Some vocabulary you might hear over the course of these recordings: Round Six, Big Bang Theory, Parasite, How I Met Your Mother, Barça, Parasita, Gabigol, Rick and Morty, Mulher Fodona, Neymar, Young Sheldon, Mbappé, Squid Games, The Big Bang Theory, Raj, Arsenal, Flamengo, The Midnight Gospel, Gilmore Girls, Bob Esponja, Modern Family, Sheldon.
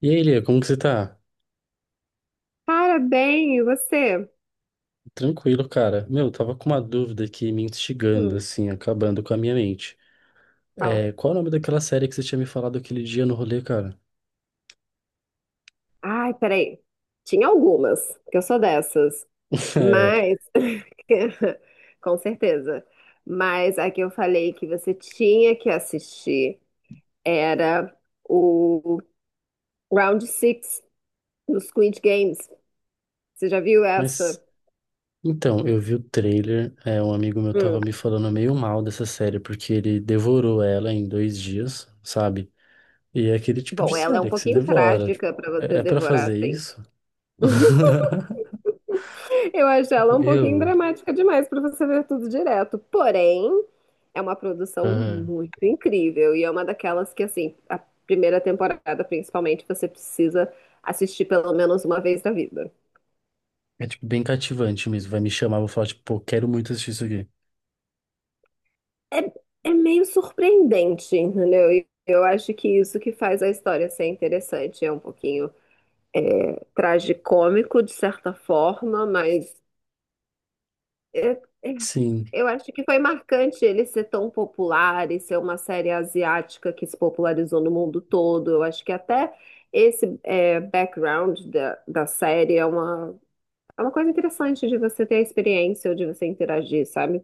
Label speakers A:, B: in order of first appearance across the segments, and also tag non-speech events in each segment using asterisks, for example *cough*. A: E aí, Lia, como que você tá?
B: Cara, bem, e você?
A: Tranquilo, cara. Meu, eu tava com uma dúvida aqui me instigando,
B: Hum.
A: assim, acabando com a minha mente.
B: Fala.
A: É, qual é o nome daquela série que você tinha me falado aquele dia no rolê, cara?
B: Ai, peraí. Tinha algumas, que eu sou dessas.
A: *laughs* É,
B: Mas, *laughs* com certeza. Mas a que eu falei que você tinha que assistir era o Round Six do Squid Games. Você já viu essa?
A: mas, então, eu vi o trailer, um amigo meu tava
B: Hum.
A: me falando meio mal dessa série, porque ele devorou ela em dois dias, sabe? E é aquele tipo de
B: Bom, ela é um
A: série que se
B: pouquinho
A: devora. Tipo,
B: trágica pra você
A: é, é pra
B: devorar
A: fazer
B: assim.
A: isso?
B: *laughs*
A: *laughs*
B: Eu acho ela um pouquinho
A: Eu,
B: dramática demais pra você ver tudo direto. Porém, é uma produção
A: aham.
B: muito incrível e é uma daquelas que, assim, a primeira temporada, principalmente, você precisa assistir pelo menos uma vez na vida.
A: É tipo bem cativante mesmo. Vai me chamar, vou falar, tipo, pô, quero muito assistir isso aqui.
B: É, é meio surpreendente, entendeu? E eu acho que isso que faz a história ser interessante. É um pouquinho tragicômico, de certa forma, mas é, é
A: Sim.
B: eu acho que foi marcante ele ser tão popular e ser uma série asiática que se popularizou no mundo todo. Eu acho que até esse background da série é é uma coisa interessante de você ter a experiência ou de você interagir, sabe?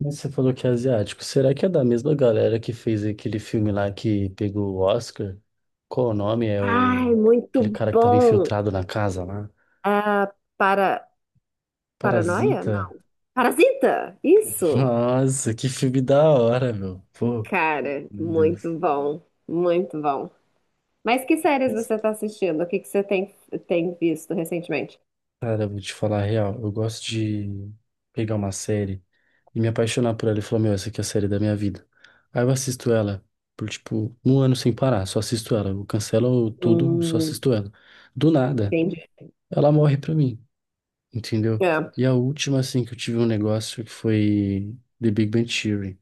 A: Mas você falou que é asiático. Será que é da mesma galera que fez aquele filme lá que pegou o Oscar? Qual o nome? É
B: Ai,
A: o... Aquele
B: muito
A: cara que tava
B: bom!
A: infiltrado na casa lá?
B: Ah, Para, paranoia?
A: Parasita.
B: Não. Parasita!
A: *laughs*
B: Isso!
A: Nossa, que filme da hora, meu. Pô,
B: Cara,
A: meu Deus.
B: muito bom, muito bom. Mas que séries
A: Mas,
B: você está assistindo? O que que você tem, Tem visto recentemente?
A: cara, eu vou te falar a real. Eu gosto de pegar uma série e me apaixonar por ela e falar, meu, essa aqui é a série da minha vida. Aí eu assisto ela por, tipo, um ano sem parar. Só assisto ela. Eu cancelo tudo, só
B: Hum,
A: assisto ela. Do nada,
B: entendi.
A: ela morre pra mim. Entendeu?
B: É.
A: E a última, assim, que eu tive um negócio que foi The Big Bang Theory.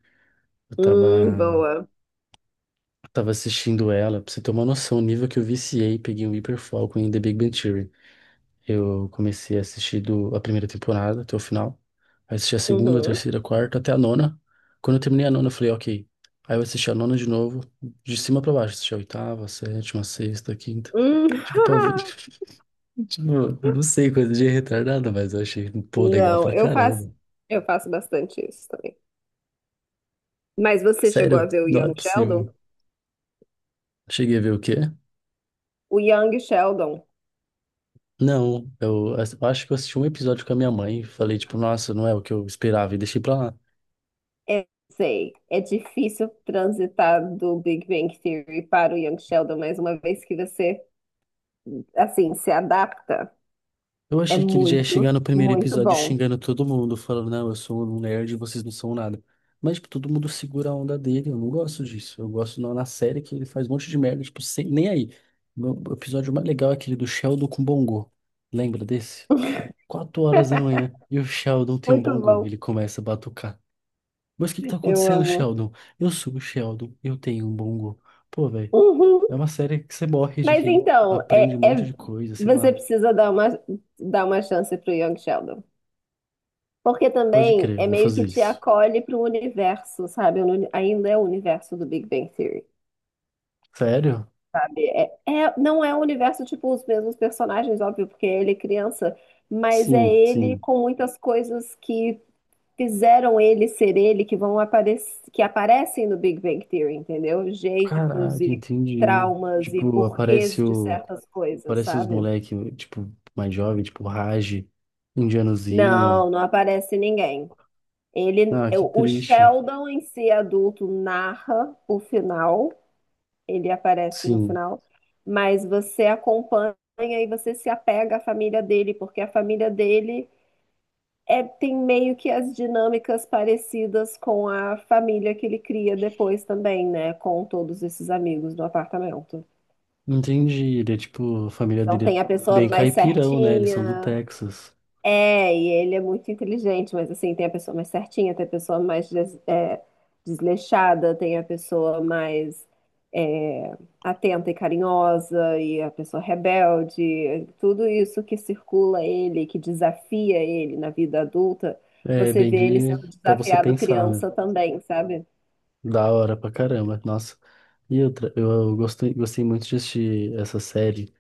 A: Eu tava,
B: Boa.
A: eu tava assistindo ela, pra você ter uma noção, o nível que eu viciei, peguei um hiperfoco em The Big Bang Theory. Eu comecei a assistir do, a primeira temporada até o final, aí assisti a segunda, a
B: Uhum.
A: terceira, a quarta, até a nona. Quando eu terminei a nona, eu falei, ok. Aí eu assisti a nona de novo, de cima pra baixo, assisti a oitava, a sétima, a sexta, a quinta.
B: Hum.
A: Tipo, pra ver, *laughs*
B: *laughs*
A: tipo, não sei, coisa de retardado, mas eu achei, pô, legal
B: Não,
A: pra
B: eu faço,
A: caramba.
B: Eu faço bastante isso também. Mas você chegou a
A: Sério?
B: ver o
A: Não é
B: Young
A: possível.
B: Sheldon?
A: Cheguei a ver o quê?
B: O Young Sheldon,
A: Não, acho que eu assisti um episódio com a minha mãe e falei, tipo, nossa, não é o que eu esperava e deixei pra lá.
B: é, sei, é difícil transitar do Big Bang Theory para o Young Sheldon, mas uma vez que você, assim, se adapta,
A: Eu
B: é
A: achei que ele já ia chegar no primeiro
B: muito
A: episódio
B: bom.
A: xingando todo mundo, falando, não, eu sou um nerd e vocês não são nada. Mas, tipo, todo mundo segura a onda dele, eu não gosto disso. Eu gosto na série que ele faz um monte de merda, tipo, sem, nem aí. O episódio mais legal é aquele do Sheldon com Bongo. Lembra desse? Quatro horas da
B: *laughs*
A: manhã e o Sheldon tem um
B: Muito
A: Bongo.
B: bom,
A: Ele começa a batucar. Mas o que que tá
B: eu
A: acontecendo,
B: amo.
A: Sheldon? Eu subo, Sheldon. Eu tenho um bom bongo. Pô, velho,
B: Uhum.
A: é uma série que você morre de
B: Mas
A: rir,
B: então,
A: aprende um monte de coisa, sei
B: você
A: lá.
B: precisa dar uma chance pro Young Sheldon. Porque
A: Pode
B: também
A: crer, eu
B: é
A: vou
B: meio que
A: fazer
B: te
A: isso.
B: acolhe para o universo, sabe? Ainda é o universo do Big Bang Theory,
A: Sério?
B: sabe? Não é o universo, tipo, os mesmos personagens, óbvio, porque ele é criança, mas é
A: Sim,
B: ele
A: sim.
B: com muitas coisas que fizeram ele ser ele, que vão aparecer, que aparecem no Big Bang Theory, entendeu? Jeitos
A: Caraca,
B: e
A: entendi. Né?
B: traumas e
A: Tipo, aparece
B: porquês de
A: o,
B: certas coisas,
A: aparece os
B: sabe?
A: moleque, tipo, mais jovem, tipo, Raj, indianozinho.
B: Não, não aparece ninguém. Ele,
A: Ah,
B: é,
A: que
B: o
A: triste.
B: Sheldon em si adulto narra o final, ele aparece no
A: Sim,
B: final, mas você acompanha e você se apega à família dele, porque a família dele tem meio que as dinâmicas parecidas com a família que ele cria depois também, né? Com todos esses amigos do apartamento.
A: entendi. Ele é tipo, a família
B: Então
A: dele é
B: tem a
A: bem
B: pessoa mais
A: caipirão, né? Eles são do
B: certinha.
A: Texas.
B: É, e ele é muito inteligente, mas assim, tem a pessoa mais certinha, tem a pessoa mais desleixada, tem a pessoa mais é, atenta e carinhosa, e a pessoa rebelde, tudo isso que circula ele, que desafia ele na vida adulta,
A: É,
B: você
A: bem
B: vê ele
A: de,
B: sendo
A: pra você
B: desafiado
A: pensar, né?
B: criança também, sabe?
A: Da hora pra caramba, nossa. E outra, eu gostei, gostei muito de assistir essa série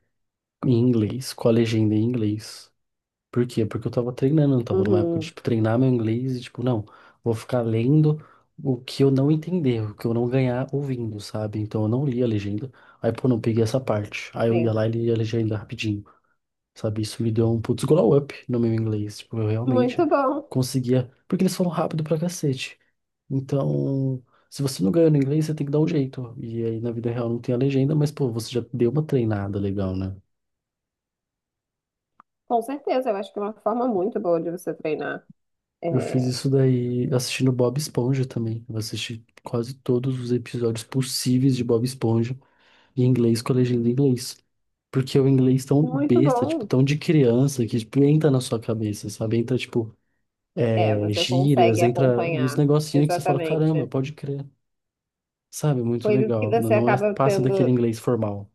A: em inglês, com a legenda em inglês. Por quê? Porque eu tava treinando, eu tava numa época de,
B: Uhum,
A: tipo, treinar meu inglês e, tipo, não, vou ficar lendo o que eu não entender, o que eu não ganhar ouvindo, sabe? Então eu não li a legenda. Aí, pô, não peguei essa parte. Aí eu ia
B: sim.
A: lá e lia a legenda rapidinho, sabe? Isso me deu um putz glow up no meu inglês. Tipo, eu realmente
B: Muito bom,
A: conseguia. Porque eles falam rápido pra cacete. Então, se você não ganhou no inglês, você tem que dar um jeito. E aí na vida real não tem a legenda, mas pô, você já deu uma treinada legal, né?
B: com certeza, eu acho que é uma forma muito boa de você treinar.
A: Eu fiz
B: É,
A: isso daí assistindo Bob Esponja também. Eu assisti quase todos os episódios possíveis de Bob Esponja em inglês com a legenda em inglês. Porque o inglês tão
B: muito
A: besta, tipo,
B: bom.
A: tão de criança, que tipo, entra na sua cabeça, sabe? Entra, tipo,
B: É,
A: é,
B: você consegue
A: gírias, entra uns
B: acompanhar,
A: negocinhos que você fala,
B: exatamente.
A: caramba, pode crer. Sabe? Muito
B: Coisas que
A: legal. Não
B: você
A: não é,
B: acaba
A: passa daquele
B: tendo,
A: inglês formal.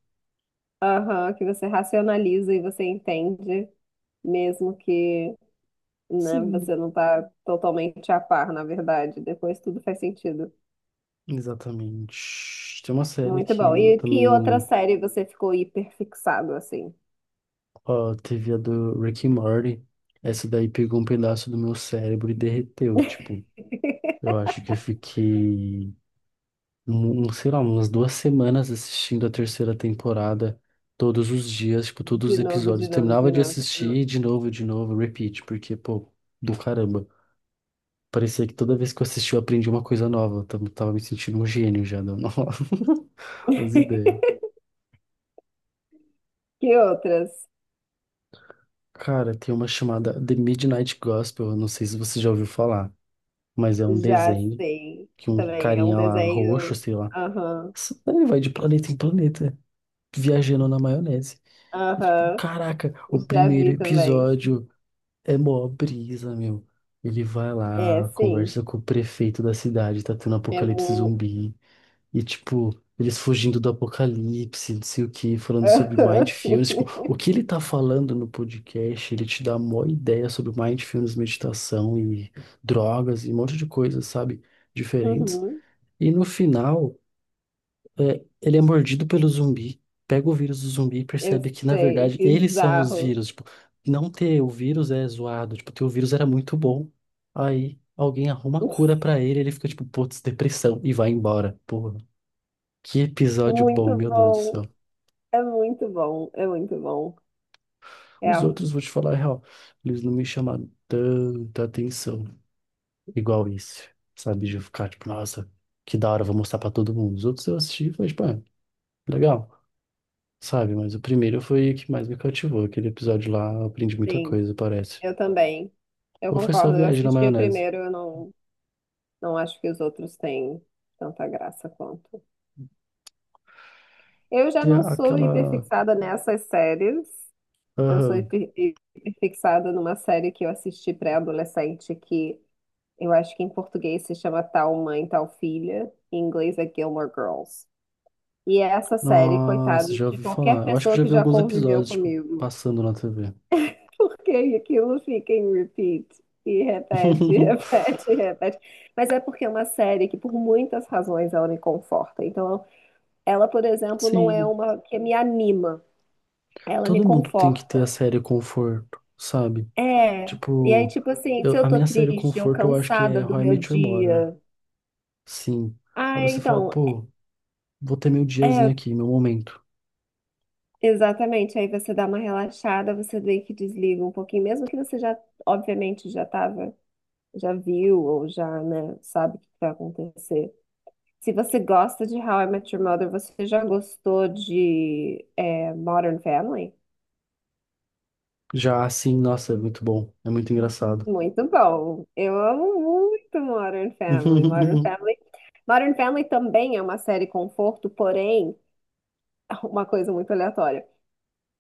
B: aham, que você racionaliza e você entende, mesmo que, né,
A: Sim.
B: você não tá totalmente a par, na verdade. Depois tudo faz sentido.
A: Exatamente. Tem uma série
B: Muito
A: que
B: bom.
A: eu
B: E que outra
A: também.
B: série você ficou hiperfixado, assim?
A: Ó, teve a do Rick and Morty. Essa daí pegou um pedaço do meu cérebro e derreteu. Tipo,
B: *laughs*
A: eu acho que eu fiquei, sei lá, umas duas semanas assistindo a terceira temporada todos os dias, tipo, todos os
B: De novo,
A: episódios.
B: de
A: Eu
B: novo,
A: terminava
B: de
A: de
B: novo, de
A: assistir
B: novo.
A: e de novo, repeat, porque, pô, do caramba. Parecia que toda vez que eu assisti eu aprendi uma coisa nova. Eu tava me sentindo um gênio já, dando *laughs* as ideias.
B: *laughs* Que outras?
A: Cara, tem uma chamada The Midnight Gospel, eu não sei se você já ouviu falar, mas é um
B: Já
A: desenho
B: sei.
A: que um
B: Também é um
A: carinha lá, roxo,
B: desenho.
A: sei lá,
B: Aham,
A: ele vai de planeta em planeta, viajando na maionese. E tipo,
B: aham.
A: caraca, o
B: Já
A: primeiro
B: vi também.
A: episódio é mó brisa, meu. Ele vai
B: É,
A: lá,
B: sim.
A: conversa com o prefeito da cidade, tá tendo
B: É
A: apocalipse
B: muito.
A: zumbi. E, tipo, eles fugindo do apocalipse, não sei o que, falando sobre mindfulness. Tipo, o
B: *laughs*
A: que ele tá falando no podcast, ele te dá a maior ideia sobre mindfulness, meditação e drogas e um monte de coisas, sabe? Diferentes.
B: Uhum,
A: E no final, é, ele é mordido pelo zumbi, pega o vírus do zumbi e
B: eu
A: percebe que, na
B: sei,
A: verdade, eles são os
B: bizarro.
A: vírus. Tipo, não ter o vírus é zoado. Tipo, ter o vírus era muito bom. Aí alguém arruma a cura
B: *laughs*
A: pra ele, ele fica tipo, putz, depressão, e vai embora. Porra. Que episódio bom,
B: Muito
A: meu Deus do céu.
B: bom. É muito bom, é muito bom. É,
A: Os outros, vou te falar a real, eles não me chamaram tanta atenção igual esse, sabe? De eu ficar tipo, nossa, que da hora, vou mostrar pra todo mundo. Os outros eu assisti e falei, tipo, ah, legal, sabe? Mas o primeiro foi o que mais me cativou. Aquele episódio lá, eu aprendi muita
B: sim,
A: coisa, parece.
B: eu também. Eu
A: Ou foi só
B: concordo. Eu
A: viagem na
B: assisti o
A: maionese?
B: primeiro, eu não, não acho que os outros têm tanta graça quanto. Eu já
A: Tem
B: não
A: a-
B: sou
A: aquela.
B: hiperfixada nessas séries. Eu sou
A: Aham.
B: hiperfixada numa série que eu assisti pré-adolescente que eu acho que em português se chama Tal Mãe, Tal Filha, em inglês é Gilmore Girls. E é essa série, coitada
A: Nossa, já
B: de
A: ouvi falar.
B: qualquer
A: Eu acho que
B: pessoa
A: eu já
B: que
A: vi
B: já
A: alguns
B: conviveu
A: episódios, tipo,
B: comigo,
A: passando na TV.
B: *laughs* porque aquilo fica em repeat. E repete, *laughs*
A: *laughs*
B: repete, repete. Mas é porque é uma série que, por muitas razões, ela me conforta. Então, ela, por exemplo, não é
A: Sim.
B: uma que me anima, ela me
A: Todo mundo tem que ter a
B: conforta.
A: série conforto, sabe?
B: É. E aí,
A: Tipo,
B: tipo assim, se
A: eu-
B: eu
A: a
B: tô
A: minha série
B: triste ou
A: conforto eu acho que
B: cansada
A: é
B: do
A: How I
B: meu
A: Met Your Mother.
B: dia,
A: Sim. Aí
B: ah,
A: você fala,
B: então,
A: pô, vou ter meu
B: é
A: diazinho aqui, meu momento.
B: exatamente, aí você dá uma relaxada, você vê que desliga um pouquinho, mesmo que você obviamente, já tava, já viu ou já, né, sabe o que vai acontecer. Se você gosta de How I Met Your Mother, você já gostou de Modern Family?
A: Já assim, nossa, é muito bom. É muito engraçado.
B: Muito bom. Eu amo muito Modern Family. Modern
A: *laughs*
B: Family. Modern Family também é uma série conforto, porém, *laughs* uma coisa muito aleatória.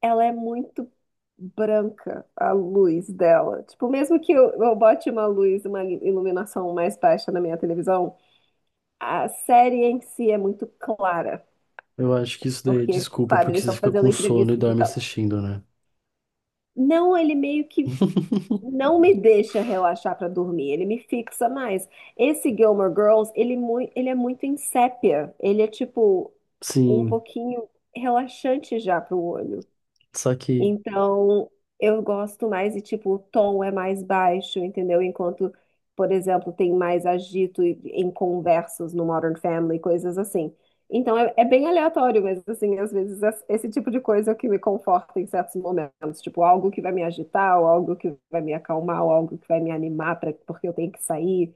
B: Ela é muito branca, a luz dela. Tipo, mesmo que eu bote uma luz, uma iluminação mais baixa na minha televisão, a série em si é muito clara,
A: Eu acho que isso daí é
B: porque,
A: desculpa,
B: claro,
A: porque
B: eles
A: você
B: estão
A: fica
B: fazendo
A: com sono e
B: entrevistas e
A: dorme
B: tal.
A: assistindo, né?
B: Não, ele meio que
A: *laughs*
B: não me deixa relaxar pra dormir, ele me fixa mais. Esse Gilmore Girls, ele é muito em sépia, ele é tipo um
A: Sim,
B: pouquinho relaxante já pro olho.
A: só que
B: Então, eu gosto mais e, tipo, o tom é mais baixo, entendeu? Enquanto, por exemplo, tem mais em conversas no Modern Family, coisas assim. Então, é, é bem aleatório, mas, assim, às vezes esse tipo de coisa é o que me conforta em certos momentos. Tipo, algo que vai me agitar, ou algo que vai me acalmar, ou algo que vai me animar pra, porque eu tenho que sair.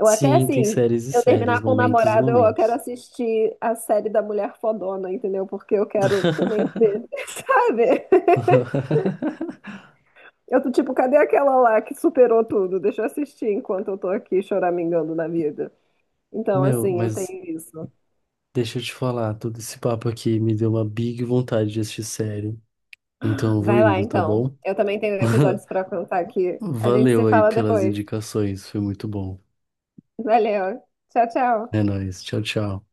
B: Ou até,
A: sim, tem
B: assim,
A: séries e
B: eu
A: séries,
B: terminar com o
A: momentos e
B: namorado, eu quero
A: momentos.
B: assistir a série da Mulher Fodona, entendeu? Porque eu quero também ser, *laughs* sabe?
A: *laughs*
B: Eu tô tipo, cadê aquela lá que superou tudo? Deixa eu assistir enquanto eu tô aqui choramingando na vida. Então,
A: Meu,
B: assim, eu tenho
A: mas
B: isso.
A: deixa eu te falar, todo esse papo aqui me deu uma big vontade de assistir série. Então eu vou
B: Vai lá,
A: indo, tá
B: então.
A: bom?
B: Eu também tenho
A: *laughs*
B: episódios pra contar aqui. A gente se
A: Valeu aí
B: fala
A: pelas
B: depois.
A: indicações, foi muito bom.
B: Valeu. Tchau,
A: É
B: tchau.
A: nóis, tchau, tchau.